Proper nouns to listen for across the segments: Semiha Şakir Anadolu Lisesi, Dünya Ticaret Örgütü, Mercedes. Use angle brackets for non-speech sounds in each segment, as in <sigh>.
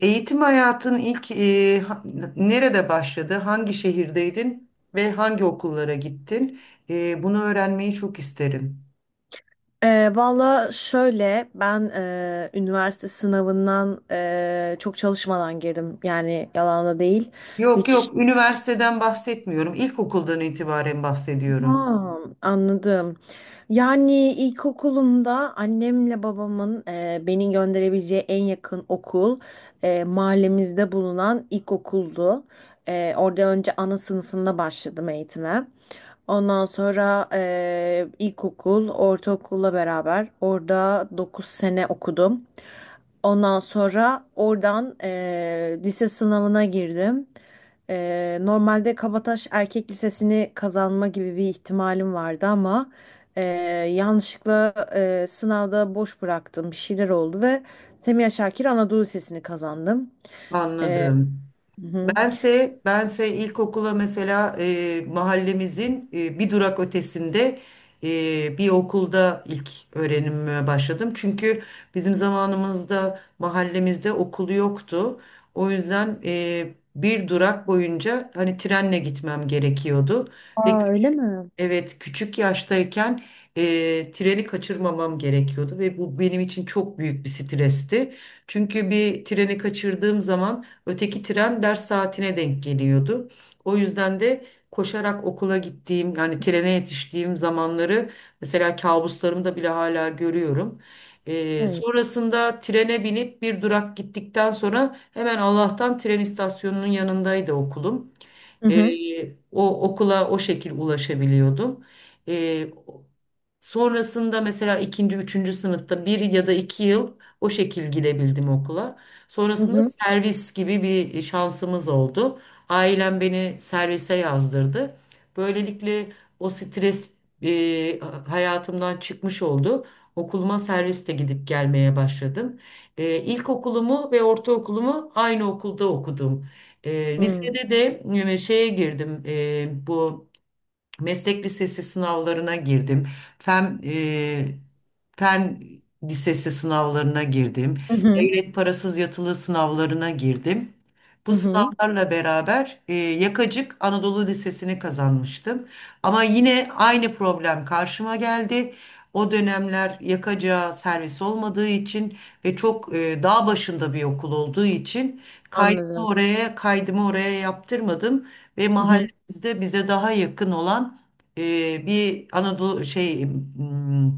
Eğitim hayatın ilk nerede başladı? Hangi şehirdeydin ve hangi okullara gittin? Bunu öğrenmeyi çok isterim. Valla şöyle ben üniversite sınavından çok çalışmadan girdim, yani yalan da değil Yok hiç. yok, üniversiteden bahsetmiyorum. İlkokuldan itibaren bahsediyorum. Ha, anladım. Yani ilkokulumda annemle babamın beni gönderebileceği en yakın okul mahallemizde bulunan ilkokuldu. Orada önce ana sınıfında başladım eğitime. Ondan sonra ilkokul ortaokulla beraber orada 9 sene okudum. Ondan sonra oradan lise sınavına girdim. Normalde Kabataş Erkek Lisesi'ni kazanma gibi bir ihtimalim vardı ama eee, yanlışlıkla sınavda boş bıraktım. Bir şeyler oldu ve Semiha Şakir Anadolu Lisesi'ni kazandım. Eee, Anladım. hı hı. Bense ilkokula mesela mahallemizin bir durak ötesinde bir okulda ilk öğrenimime başladım. Çünkü bizim zamanımızda mahallemizde okul yoktu. O yüzden bir durak boyunca hani trenle gitmem gerekiyordu. Ve Aa, öyle mi? Evet, küçük yaştayken treni kaçırmamam gerekiyordu ve bu benim için çok büyük bir stresti. Çünkü bir treni kaçırdığım zaman öteki tren ders saatine denk geliyordu. O yüzden de koşarak okula gittiğim yani trene yetiştiğim zamanları mesela kabuslarımda bile hala görüyorum. Hayır. Sonrasında trene binip bir durak gittikten sonra hemen Allah'tan tren istasyonunun yanındaydı okulum. Hı hı. O okula o şekil ulaşabiliyordum. Ee, Sonrasında mesela ikinci, üçüncü sınıfta bir ya da iki yıl o şekil gidebildim okula. Hı Sonrasında hı. servis gibi bir şansımız oldu. Ailem beni servise yazdırdı. Böylelikle o stres e, hayatımdan çıkmış oldu. Okuluma serviste gidip gelmeye başladım. İlkokulumu ve ortaokulumu aynı okulda okudum. Hı hı. Lisede de şeye girdim. Bu meslek lisesi sınavlarına girdim. Fen, e, fen lisesi sınavlarına girdim. Hı hı. Devlet parasız yatılı sınavlarına girdim. Bu Hı hı. sınavlarla beraber Yakacık Anadolu Lisesi'ni kazanmıştım. Ama yine aynı problem karşıma geldi. O dönemler Yakacık'a servis olmadığı için ve çok dağ başında bir okul olduğu için kaydımı Anladım. oraya kaydımı oraya yaptırmadım ve Hı hı. bizde bize daha yakın olan bir Anadolu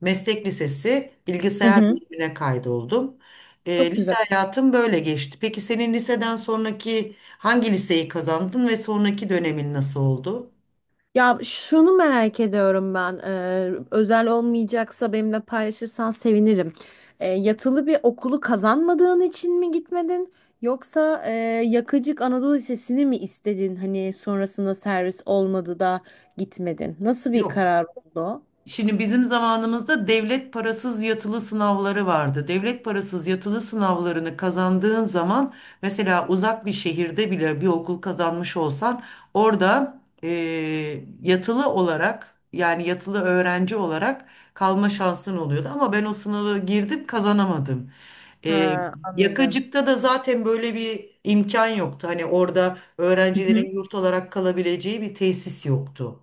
meslek lisesi Hı bilgisayar hı. bölümüne kaydoldum. Çok Lise güzel. hayatım böyle geçti. Peki senin liseden sonraki hangi liseyi kazandın ve sonraki dönemin nasıl oldu? Ya şunu merak ediyorum ben. Özel olmayacaksa benimle paylaşırsan sevinirim. Yatılı bir okulu kazanmadığın için mi gitmedin? Yoksa Yakıcık Anadolu Lisesi'ni mi istedin? Hani sonrasında servis olmadı da gitmedin. Nasıl bir Yok. karar oldu o? Şimdi bizim zamanımızda devlet parasız yatılı sınavları vardı. Devlet parasız yatılı sınavlarını kazandığın zaman mesela uzak bir şehirde bile bir okul kazanmış olsan orada yatılı olarak yani yatılı öğrenci olarak kalma şansın oluyordu. Ama ben o sınavı girdim kazanamadım. Eee Ha, anladım. Yakacık'ta da zaten böyle bir imkan yoktu. Hani orada Hı hı. öğrencilerin yurt olarak kalabileceği bir tesis yoktu.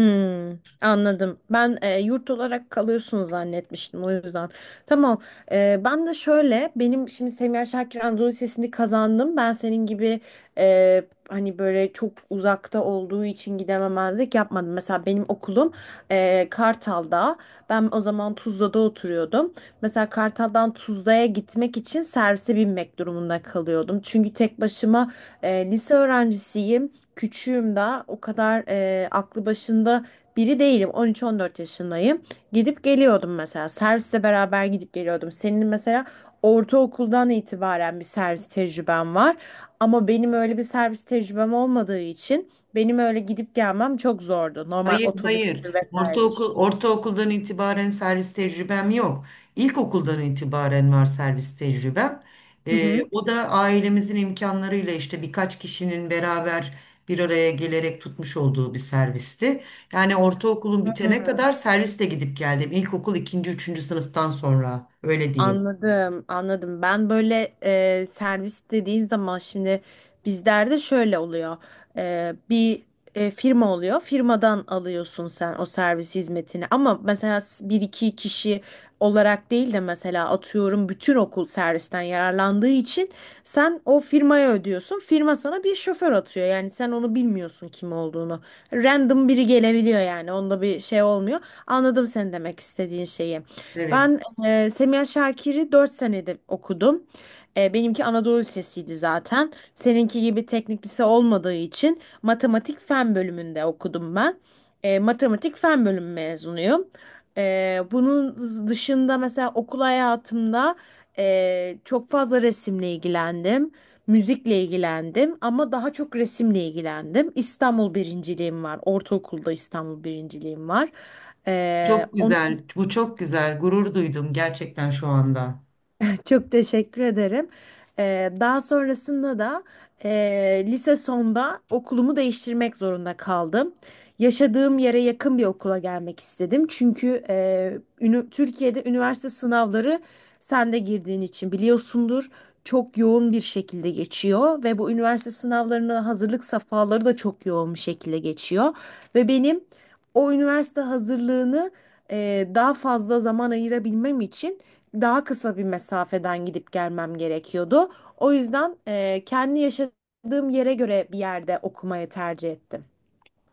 Hmm, anladım. Ben yurt olarak kalıyorsun zannetmiştim o yüzden. Tamam. E, ben de şöyle, benim şimdi Semiha Şakir Anadolu Lisesi'ni kazandım. Ben senin gibi e, hani böyle çok uzakta olduğu için gidememezlik yapmadım. Mesela benim okulum Kartal'da. Ben o zaman Tuzla'da oturuyordum. Mesela Kartal'dan Tuzla'ya gitmek için servise binmek durumunda kalıyordum. Çünkü tek başıma lise öğrencisiyim, küçüğüm daha, o kadar aklı başında biri değilim. 13-14 yaşındayım. Gidip geliyordum mesela. Servisle beraber gidip geliyordum. Senin mesela ortaokuldan itibaren bir servis tecrüben var. Ama benim öyle bir servis tecrübem olmadığı için benim öyle gidip gelmem çok zordu. Normal Hayır, otobüs hayır. vesairedir. Ortaokuldan itibaren servis tecrübem yok. İlkokuldan itibaren var servis tecrübem. Hı hı. O da ailemizin imkanlarıyla işte birkaç kişinin beraber bir araya gelerek tutmuş olduğu bir servisti. Yani ortaokulun bitene kadar serviste gidip geldim. İlkokul ikinci, üçüncü sınıftan sonra öyle diyeyim. Anladım, anladım. Ben böyle servis dediğin zaman şimdi bizlerde şöyle oluyor. Bir firma oluyor. Firmadan alıyorsun sen o servis hizmetini. Ama mesela bir iki kişi olarak değil de mesela atıyorum bütün okul servisten yararlandığı için sen o firmaya ödüyorsun. Firma sana bir şoför atıyor. Yani sen onu bilmiyorsun kim olduğunu. Random biri gelebiliyor yani. Onda bir şey olmuyor. Anladım sen demek istediğin şeyi. Evet. Ben Semiha Şakir'i 4 senede okudum. Benimki Anadolu Lisesi'ydi zaten. Seninki gibi teknik lise olmadığı için matematik fen bölümünde okudum ben. Matematik fen bölümü mezunuyum. Bunun dışında mesela okul hayatımda çok fazla resimle ilgilendim. Müzikle ilgilendim ama daha çok resimle ilgilendim. İstanbul birinciliğim var. Ortaokulda İstanbul birinciliğim var. Ee, Çok güzel. Bu çok güzel. Gurur duydum gerçekten şu anda. <laughs> Çok teşekkür ederim. Daha sonrasında da e, lise sonda okulumu değiştirmek zorunda kaldım. Yaşadığım yere yakın bir okula gelmek istedim. Çünkü Türkiye'de üniversite sınavları, sen de girdiğin için biliyorsundur, çok yoğun bir şekilde geçiyor ve bu üniversite sınavlarına hazırlık safhaları da çok yoğun bir şekilde geçiyor. Ve benim o üniversite hazırlığını daha fazla zaman ayırabilmem için daha kısa bir mesafeden gidip gelmem gerekiyordu. O yüzden kendi yaşadığım yere göre bir yerde okumayı tercih ettim.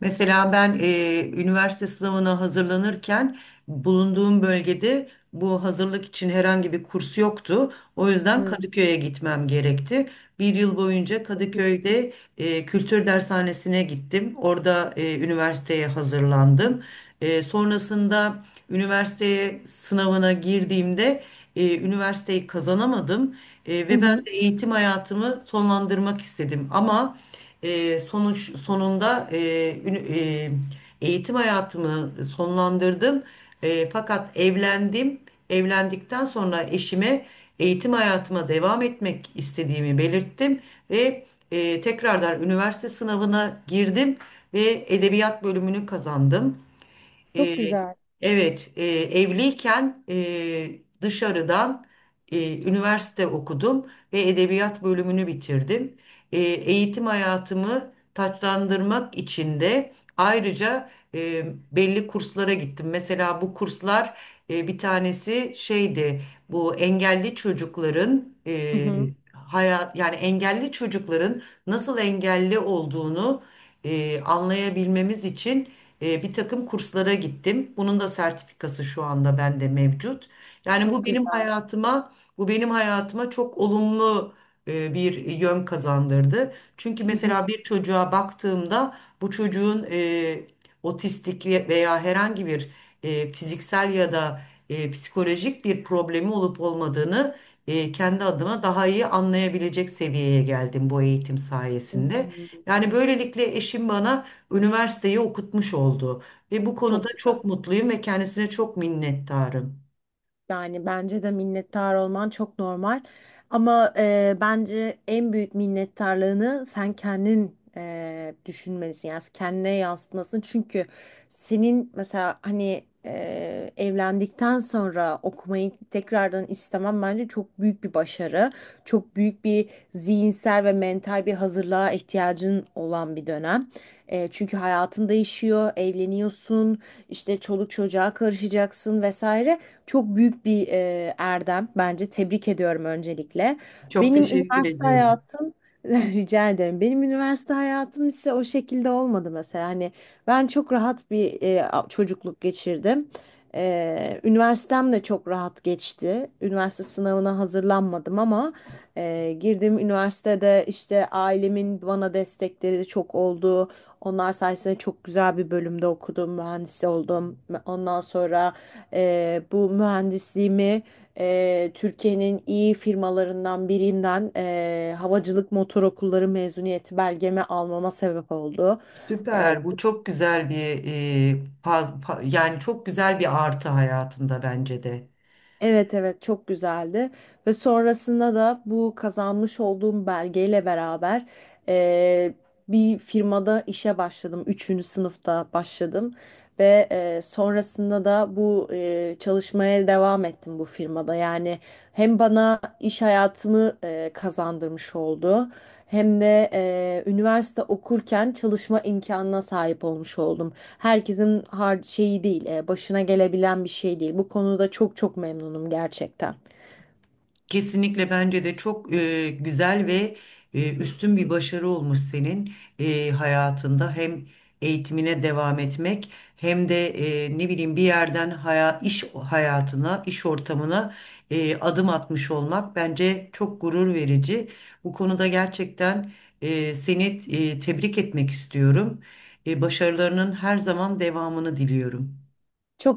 Mesela ben üniversite sınavına hazırlanırken bulunduğum bölgede bu hazırlık için herhangi bir kurs yoktu. O yüzden Hı. Kadıköy'e gitmem gerekti. Bir yıl boyunca Kadıköy'de kültür dershanesine gittim. Orada üniversiteye hazırlandım. Sonrasında üniversiteye sınavına girdiğimde üniversiteyi kazanamadım. Hı Ve ben hı. de eğitim hayatımı sonlandırmak istedim. Ama e, sonuç sonunda ünü- e, eğitim hayatımı sonlandırdım. Fakat evlendim. Evlendikten sonra eşime eğitim hayatıma devam etmek istediğimi belirttim ve tekrardan üniversite sınavına girdim ve edebiyat bölümünü kazandım. Çok Ee, güzel. evet, evliyken dışarıdan üniversite okudum ve edebiyat bölümünü bitirdim. Eğitim hayatımı taçlandırmak için de ayrıca e, belli kurslara gittim. Mesela bu kurslar bir tanesi şeydi, bu engelli çocukların Hı e, hı. hayat yani engelli çocukların nasıl engelli olduğunu anlayabilmemiz için bir takım kurslara gittim. Bunun da sertifikası şu anda bende mevcut. Yani Çok güzel. Bu benim hayatıma çok olumlu bir yön kazandırdı. Çünkü Hı mesela hı. bir çocuğa baktığımda bu çocuğun otistik veya herhangi bir fiziksel ya da psikolojik bir problemi olup olmadığını kendi adıma daha iyi anlayabilecek seviyeye geldim bu eğitim sayesinde. Hmm. Yani böylelikle eşim bana üniversiteyi okutmuş oldu ve bu konuda Çok güzel. çok mutluyum ve kendisine çok minnettarım. Yani bence de minnettar olman çok normal. Ama bence en büyük minnettarlığını sen kendin düşünmelisin. Yani kendine yansıtmasın. Çünkü senin mesela hani evlendikten sonra okumayı tekrardan istemem bence çok büyük bir başarı. Çok büyük bir zihinsel ve mental bir hazırlığa ihtiyacın olan bir dönem. Çünkü hayatın değişiyor, evleniyorsun, işte çoluk çocuğa karışacaksın vesaire. Çok büyük bir erdem bence. Tebrik ediyorum öncelikle. Çok Benim teşekkür üniversite ediyorum. hayatım <laughs> rica ederim. Benim üniversite hayatım ise o şekilde olmadı mesela. Hani ben çok rahat bir çocukluk geçirdim. Üniversitem de çok rahat geçti. Üniversite sınavına hazırlanmadım ama girdiğim üniversitede işte ailemin bana destekleri çok oldu. Onlar sayesinde çok güzel bir bölümde okudum, mühendis oldum. Ondan sonra bu mühendisliğimi Türkiye'nin iyi firmalarından birinden havacılık motor okulları mezuniyeti belgemi almama sebep oldu. Eee, Süper. Bu çok güzel bir e, faz, fa- yani çok güzel bir artı hayatında bence de. evet, evet, çok güzeldi ve sonrasında da bu kazanmış olduğum belgeyle beraber eee, bir firmada işe başladım. Üçüncü sınıfta başladım. Ve sonrasında da bu çalışmaya devam ettim bu firmada. Yani hem bana iş hayatımı kazandırmış oldu, hem de üniversite okurken çalışma imkanına sahip olmuş oldum. Herkesin har şeyi değil, başına gelebilen bir şey değil. Bu konuda çok çok memnunum gerçekten. Kesinlikle bence de çok güzel ve üstün bir başarı olmuş senin hayatında. Hem eğitimine devam etmek hem de ne bileyim bir yerden iş hayatına, iş ortamına adım atmış olmak bence çok gurur verici. Bu konuda gerçekten seni tebrik etmek istiyorum. Başarılarının her zaman devamını diliyorum. Çok